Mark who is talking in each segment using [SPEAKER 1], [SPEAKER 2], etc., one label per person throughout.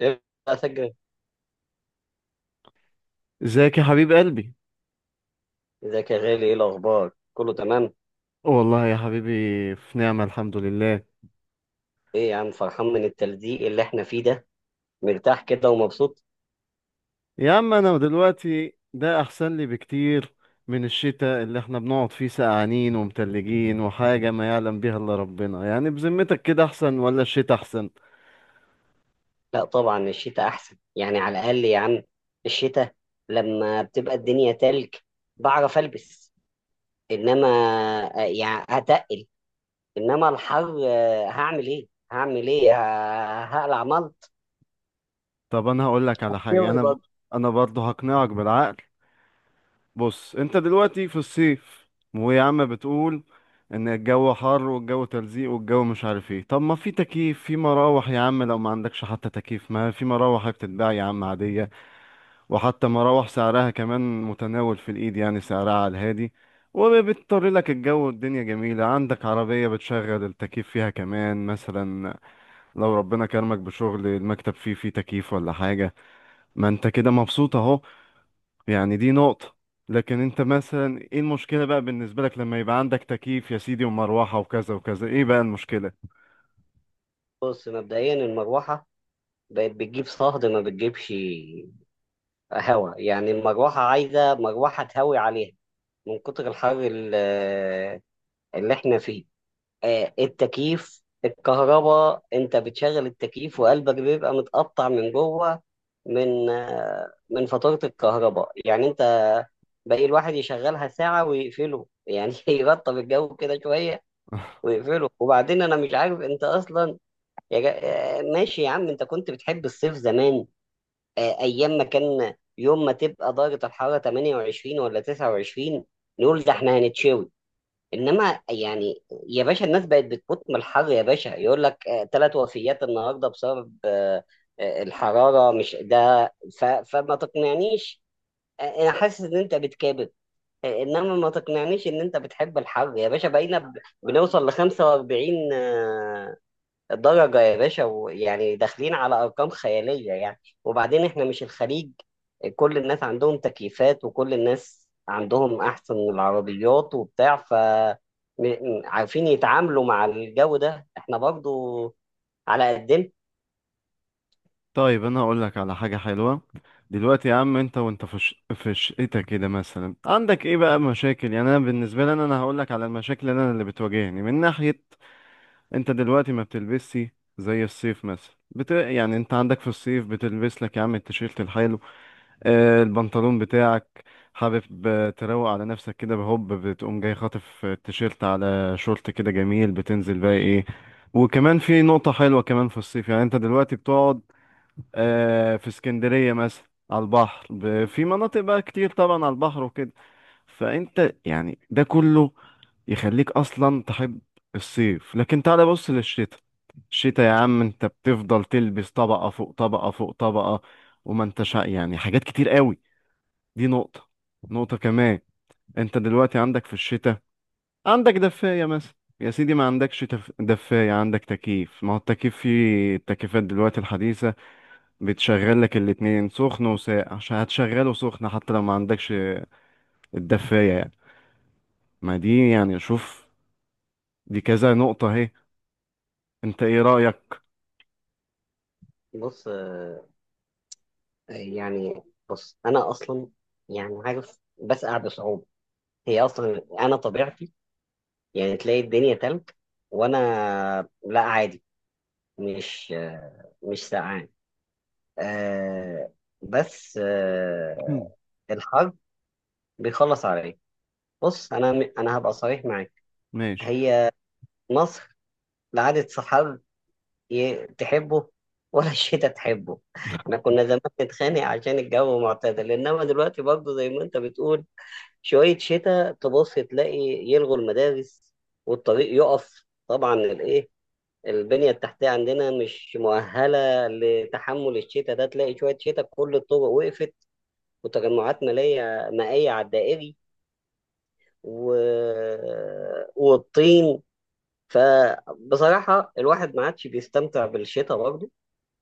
[SPEAKER 1] ايه، بقى اسجل.
[SPEAKER 2] ازيك يا حبيب قلبي.
[SPEAKER 1] ازيك يا غالي؟ ايه الاخبار، كله تمام؟
[SPEAKER 2] والله يا حبيبي، في نعمة الحمد لله.
[SPEAKER 1] ايه يا عم، فرحان من التلزيق اللي احنا فيه ده، مرتاح كده ومبسوط؟
[SPEAKER 2] يا عم انا دلوقتي ده احسن لي بكتير من الشتاء اللي احنا بنقعد فيه سقعانين ومتلجين وحاجة ما يعلم بيها الا ربنا، يعني بذمتك كده احسن ولا الشتاء احسن؟
[SPEAKER 1] لا طبعا الشتاء احسن، يعني على الاقل يا عم الشتاء لما بتبقى الدنيا تلج بعرف البس. انما يعني هتقل. انما الحر هعمل ايه، هعمل ايه، هقلع ملط.
[SPEAKER 2] طب انا هقول لك على حاجة،
[SPEAKER 1] ايه.
[SPEAKER 2] انا برضه هقنعك بالعقل. بص انت دلوقتي في الصيف ويا عم بتقول ان الجو حر والجو تلزيق والجو مش عارف ايه. طب ما في تكييف، في مراوح يا عم، لو ما عندكش حتى تكييف ما في مراوح بتتباع يا عم عادية. وحتى مراوح سعرها كمان متناول في الايد، يعني سعرها على الهادي. وبتطر لك الجو والدنيا جميلة، عندك عربية بتشغل التكييف فيها كمان مثلا. لو ربنا كرمك بشغل المكتب فيه تكييف ولا حاجة. ما انت كده مبسوط اهو. يعني دي نقطة. لكن انت مثلا ايه المشكلة بقى بالنسبة لك لما يبقى عندك تكييف يا سيدي ومروحة وكذا وكذا، ايه بقى المشكلة؟
[SPEAKER 1] بص، مبدئيا المروحه بقت بتجيب صهد، ما بتجيبش هوا. يعني المروحة عايزة مروحة تهوي عليها من كتر الحر اللي احنا فيه. التكييف، الكهرباء انت بتشغل التكييف وقلبك بيبقى متقطع من جوه، من فاتورة الكهرباء يعني. انت باقي الواحد يشغلها ساعة ويقفله يعني يرطب الجو كده شوية ويقفله. وبعدين انا مش عارف انت اصلا يا جا... ماشي يا عم، انت كنت بتحب الصيف زمان. ايام ما كان يوم ما تبقى درجه الحراره 28 ولا 29 نقول ده احنا هنتشوي. انما يعني يا باشا الناس بقت بتموت من الحر، يا باشا يقول لك 3 وفيات النهارده بسبب الحراره، مش ده. فما تقنعنيش. انا حاسس ان انت بتكابر. انما ما تقنعنيش ان انت بتحب الحر يا باشا. بقينا بنوصل ل 45 الدرجة يا باشا، ويعني داخلين على أرقام خيالية. يعني وبعدين إحنا مش الخليج، كل الناس عندهم تكييفات وكل الناس عندهم أحسن العربيات وبتاع. ف عارفين يتعاملوا مع الجو ده، إحنا برضو على قدنا.
[SPEAKER 2] طيب انا هقول لك على حاجة حلوة. دلوقتي يا عم انت وانت في في شقتك كده مثلا عندك ايه بقى مشاكل، يعني انا بالنسبة لي أنا هقول لك على المشاكل اللي انا اللي بتواجهني من ناحية. انت دلوقتي ما بتلبسي زي الصيف مثلا، يعني انت عندك في الصيف بتلبس لك يا عم التيشيرت الحلو، البنطلون بتاعك، حابب تروق على نفسك كده بهوب، بتقوم جاي خاطف التيشيرت على شورت كده جميل، بتنزل بقى ايه. وكمان في نقطة حلوة كمان في الصيف، يعني انت دلوقتي بتقعد في اسكندرية مثلا على البحر، في مناطق بقى كتير طبعا على البحر وكده. فانت يعني ده كله يخليك اصلا تحب الصيف. لكن تعالى بص للشتاء. الشتاء يا عم انت بتفضل تلبس طبقة فوق طبقة فوق طبقة، وما انتش يعني حاجات كتير قوي. دي نقطة. نقطة كمان، انت دلوقتي عندك في الشتاء، عندك دفاية مثلا، يا سيدي ما عندكش دفاية، عندك تكييف، ما هو التكييف في التكييفات دلوقتي الحديثة بتشغل لك الاتنين سخن وساقع، عشان هتشغله سخن حتى لو ما عندكش الدفاية يعني. ما دي يعني شوف، دي كذا نقطة اهي، انت ايه رأيك؟
[SPEAKER 1] بص يعني، بص أنا أصلا يعني عارف بسقع بصعوبة. هي أصلا أنا طبيعتي، يعني تلاقي الدنيا تلج وأنا لا عادي، مش مش سقعان. آه بس
[SPEAKER 2] مم.
[SPEAKER 1] الحظ بيخلص عليا. بص انا، انا هبقى صريح معاك،
[SPEAKER 2] ماشي.
[SPEAKER 1] هي مصر لا عادت صحاب تحبه ولا الشتاء تحبه. احنا كنا زمان نتخانق عشان الجو معتدل، انما دلوقتي برضه زي ما انت بتقول شوية شتاء تبص تلاقي يلغوا المدارس والطريق يقف. طبعا الايه، البنية التحتية عندنا مش مؤهلة لتحمل الشتاء ده. تلاقي شوية شتاء كل الطرق وقفت، وتجمعات مالية مائية على الدائري و... والطين. فبصراحة الواحد ما عادش بيستمتع بالشتاء برضه.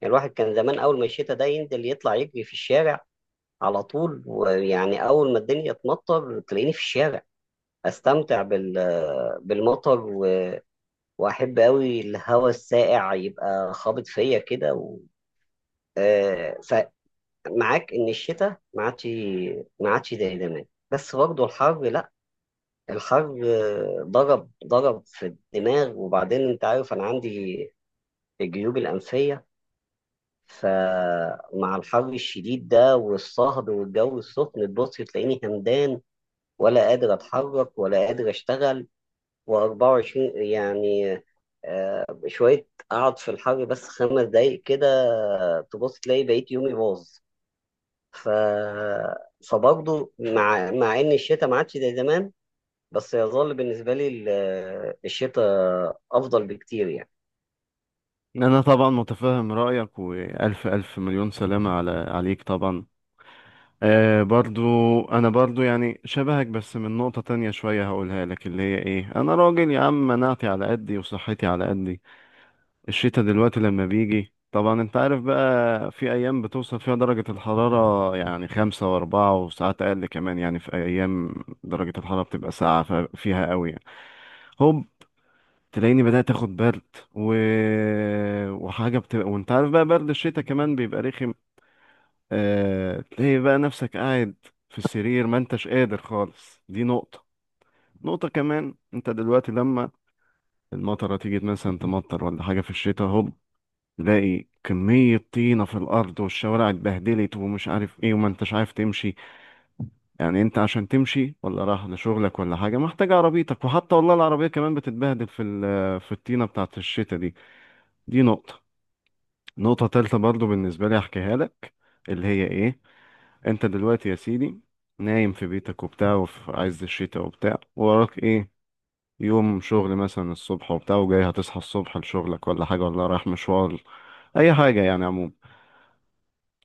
[SPEAKER 1] يعني الواحد كان زمان أول ما الشتاء ده ينزل يطلع يجري في الشارع على طول، ويعني أول ما الدنيا تمطر تلاقيني في الشارع أستمتع بالمطر، وأحب أوي الهواء الساقع يبقى خابط فيا كده و... آه، فمعاك إن الشتاء ما عادش زي زمان. بس برضه الحر لا. الحر ضرب ضرب في الدماغ. وبعدين انت عارف انا عندي الجيوب الانفيه، فمع الحر الشديد ده والصهد والجو السخن تبص تلاقيني همدان، ولا قادر اتحرك ولا قادر اشتغل و24 يعني. شويه اقعد في الحر بس 5 دقايق كده تبص تلاقي بقيت يومي باظ. ف فبرضه مع ان الشتاء ما عادش زي زمان، بس يظل بالنسبة لي الشتاء أفضل بكتير يعني.
[SPEAKER 2] انا طبعا متفهم رايك، والف الف مليون سلامه على عليك طبعا. آه برضو، انا برضو يعني شبهك، بس من نقطه تانية شويه هقولها لك، اللي هي ايه، انا راجل يا عم مناعتي على قدي وصحتي على قدي. الشتا دلوقتي لما بيجي طبعا انت عارف، بقى في ايام بتوصل فيها درجه الحراره يعني 5 واربعة وساعات اقل كمان، يعني في ايام درجه الحراره بتبقى ساقعه فيها قوي يعني. هوب، تلاقيني بدأت اخد برد، و... وحاجة بتبقى، وانت عارف بقى برد الشتاء كمان بيبقى رخم. تلاقي بقى نفسك قاعد في السرير ما انتش قادر خالص. دي نقطة. نقطة كمان، انت دلوقتي لما المطرة تيجي مثلا تمطر ولا حاجة في الشتاء، هوب تلاقي كمية طينة في الأرض والشوارع اتبهدلت ومش عارف ايه، وما انتش عارف تمشي. يعني انت عشان تمشي ولا رايح لشغلك ولا حاجة محتاج عربيتك، وحتى والله العربية كمان بتتبهدل في الطينة بتاعت الشتاء دي. دي نقطة. نقطة تالتة برضو بالنسبة لي أحكيها لك، اللي هي إيه، أنت دلوقتي يا سيدي نايم في بيتك وبتاع وفي عز الشتاء وبتاع، وراك إيه، يوم شغل مثلا الصبح وبتاع، وجاي هتصحى الصبح لشغلك ولا حاجة ولا رايح مشوار، أي حاجة يعني عموما.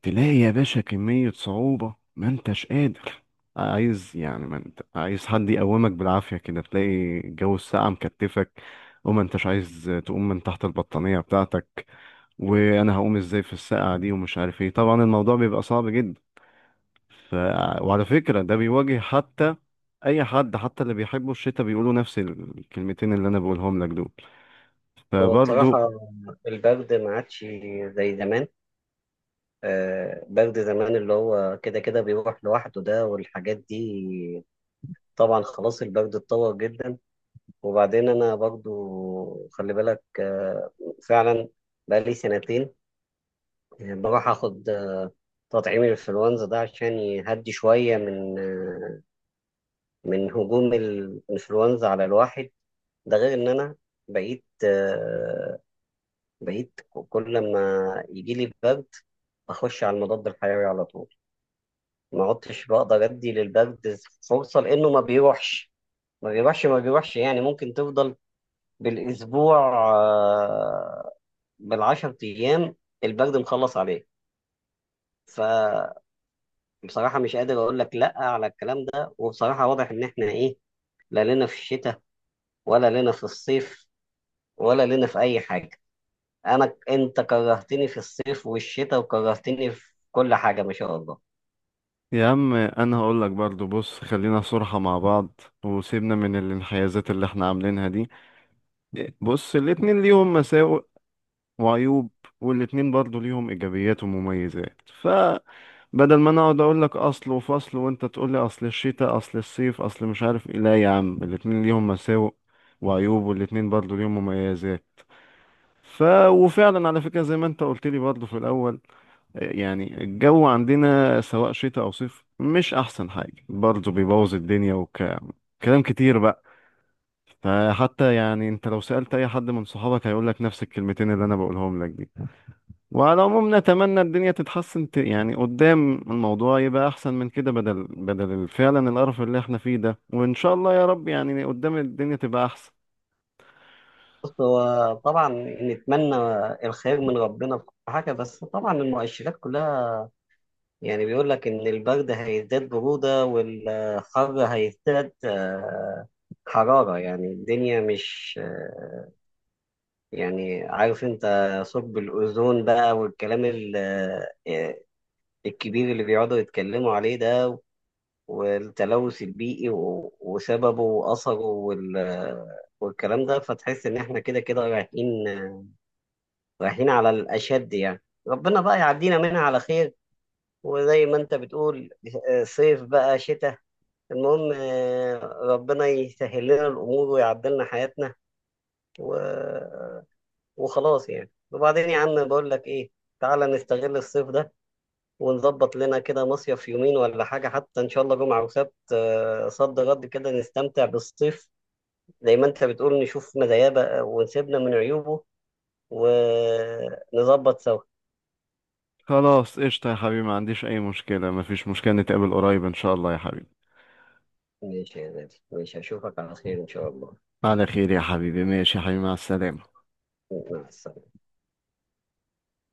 [SPEAKER 2] تلاقي يا باشا كمية صعوبة ما انتش قادر، عايز يعني ما انت عايز حد يقومك بالعافية كده، تلاقي جو الساعة مكتفك وما انتش عايز تقوم من تحت البطانية بتاعتك، وانا هقوم ازاي في الساعة دي ومش عارف ايه، طبعا الموضوع بيبقى صعب جدا. ف... وعلى فكرة ده بيواجه حتى اي حد حتى اللي بيحبوا الشتاء بيقولوا نفس الكلمتين اللي انا بقولهم لك دول،
[SPEAKER 1] هو
[SPEAKER 2] فبرضه.
[SPEAKER 1] بصراحة البرد ما عادش زي زمان. برد زمان اللي هو كده كده بيروح لوحده ده والحاجات دي. طبعا خلاص البرد اتطور جدا. وبعدين أنا برضو خلي بالك، فعلا بقالي سنتين بروح أخد تطعيم الإنفلونزا ده، عشان يهدي شوية من من هجوم الانفلونزا على الواحد. ده غير ان انا بقيت آه، بقيت كل ما يجي لي برد اخش على المضاد الحيوي على طول. ما عدتش بقدر ادي للبرد فرصه، لانه ما بيروحش ما بيروحش. يعني ممكن تفضل بالاسبوع، آه، بالعشر ايام البرد مخلص عليه. فبصراحه مش قادر اقول لك لا على الكلام ده، وبصراحه واضح ان احنا ايه، لا لنا في الشتاء ولا لنا في الصيف ولا لينا في اي حاجه. انا انت كرهتني في الصيف والشتاء وكرهتني في كل حاجه ما شاء الله.
[SPEAKER 2] يا عم انا هقول لك برضو، بص خلينا صراحة مع بعض وسيبنا من الانحيازات اللي احنا عاملينها دي. بص الاتنين ليهم مساوئ وعيوب، والاتنين برضو ليهم ايجابيات ومميزات. فبدل ما انا اقعد اقول لك اصل وفصل وانت تقول لي اصل الشتاء اصل الصيف اصل مش عارف ايه، لا يا عم الاتنين ليهم مساوئ وعيوب، والاتنين برضو ليهم مميزات. ف وفعلا على فكرة زي ما انت قلت لي برضو في الاول، يعني الجو عندنا سواء شتاء أو صيف مش أحسن حاجة، برضه بيبوظ الدنيا وكلام كلام كتير بقى. فحتى يعني أنت لو سألت أي حد من صحابك هيقول لك نفس الكلمتين اللي أنا بقولهم لك دي. وعلى العموم نتمنى الدنيا تتحسن، يعني قدام الموضوع يبقى أحسن من كده، بدل فعلا القرف اللي إحنا فيه ده، وإن شاء الله يا رب يعني قدام الدنيا تبقى أحسن.
[SPEAKER 1] بص هو طبعا نتمنى الخير من ربنا في كل حاجه، بس طبعا المؤشرات كلها يعني بيقول لك ان البرد هيزداد بروده والحر هيزداد حراره. يعني الدنيا مش يعني عارف انت، ثقب الاوزون بقى والكلام آه، الكبير اللي بيقعدوا يتكلموا عليه ده، والتلوث البيئي وسببه وأثره والكلام ده. فتحس إن إحنا كده كده رايحين على الأشد يعني. ربنا بقى يعدينا منها على خير. وزي ما أنت بتقول صيف بقى شتاء، المهم ربنا يسهل لنا الأمور ويعدلنا حياتنا و... وخلاص يعني. وبعدين يا عم بقول لك إيه، تعالى نستغل الصيف ده ونظبط لنا كده مصيف يومين ولا حاجة، حتى إن شاء الله جمعة وسبت صد غد كده نستمتع بالصيف. زي ما أنت بتقول نشوف مزاياه بقى ونسيبنا من عيوبه ونظبط سوا.
[SPEAKER 2] خلاص قشطة يا حبيبي، ما عنديش أي مشكلة، ما فيش مشكلة، نتقابل قريب إن شاء الله يا حبيبي.
[SPEAKER 1] ماشي يا غالي، ماشي أشوفك على خير إن شاء الله.
[SPEAKER 2] على خير يا حبيبي، ماشي يا حبيبي، مع السلامة.
[SPEAKER 1] مع السلامة.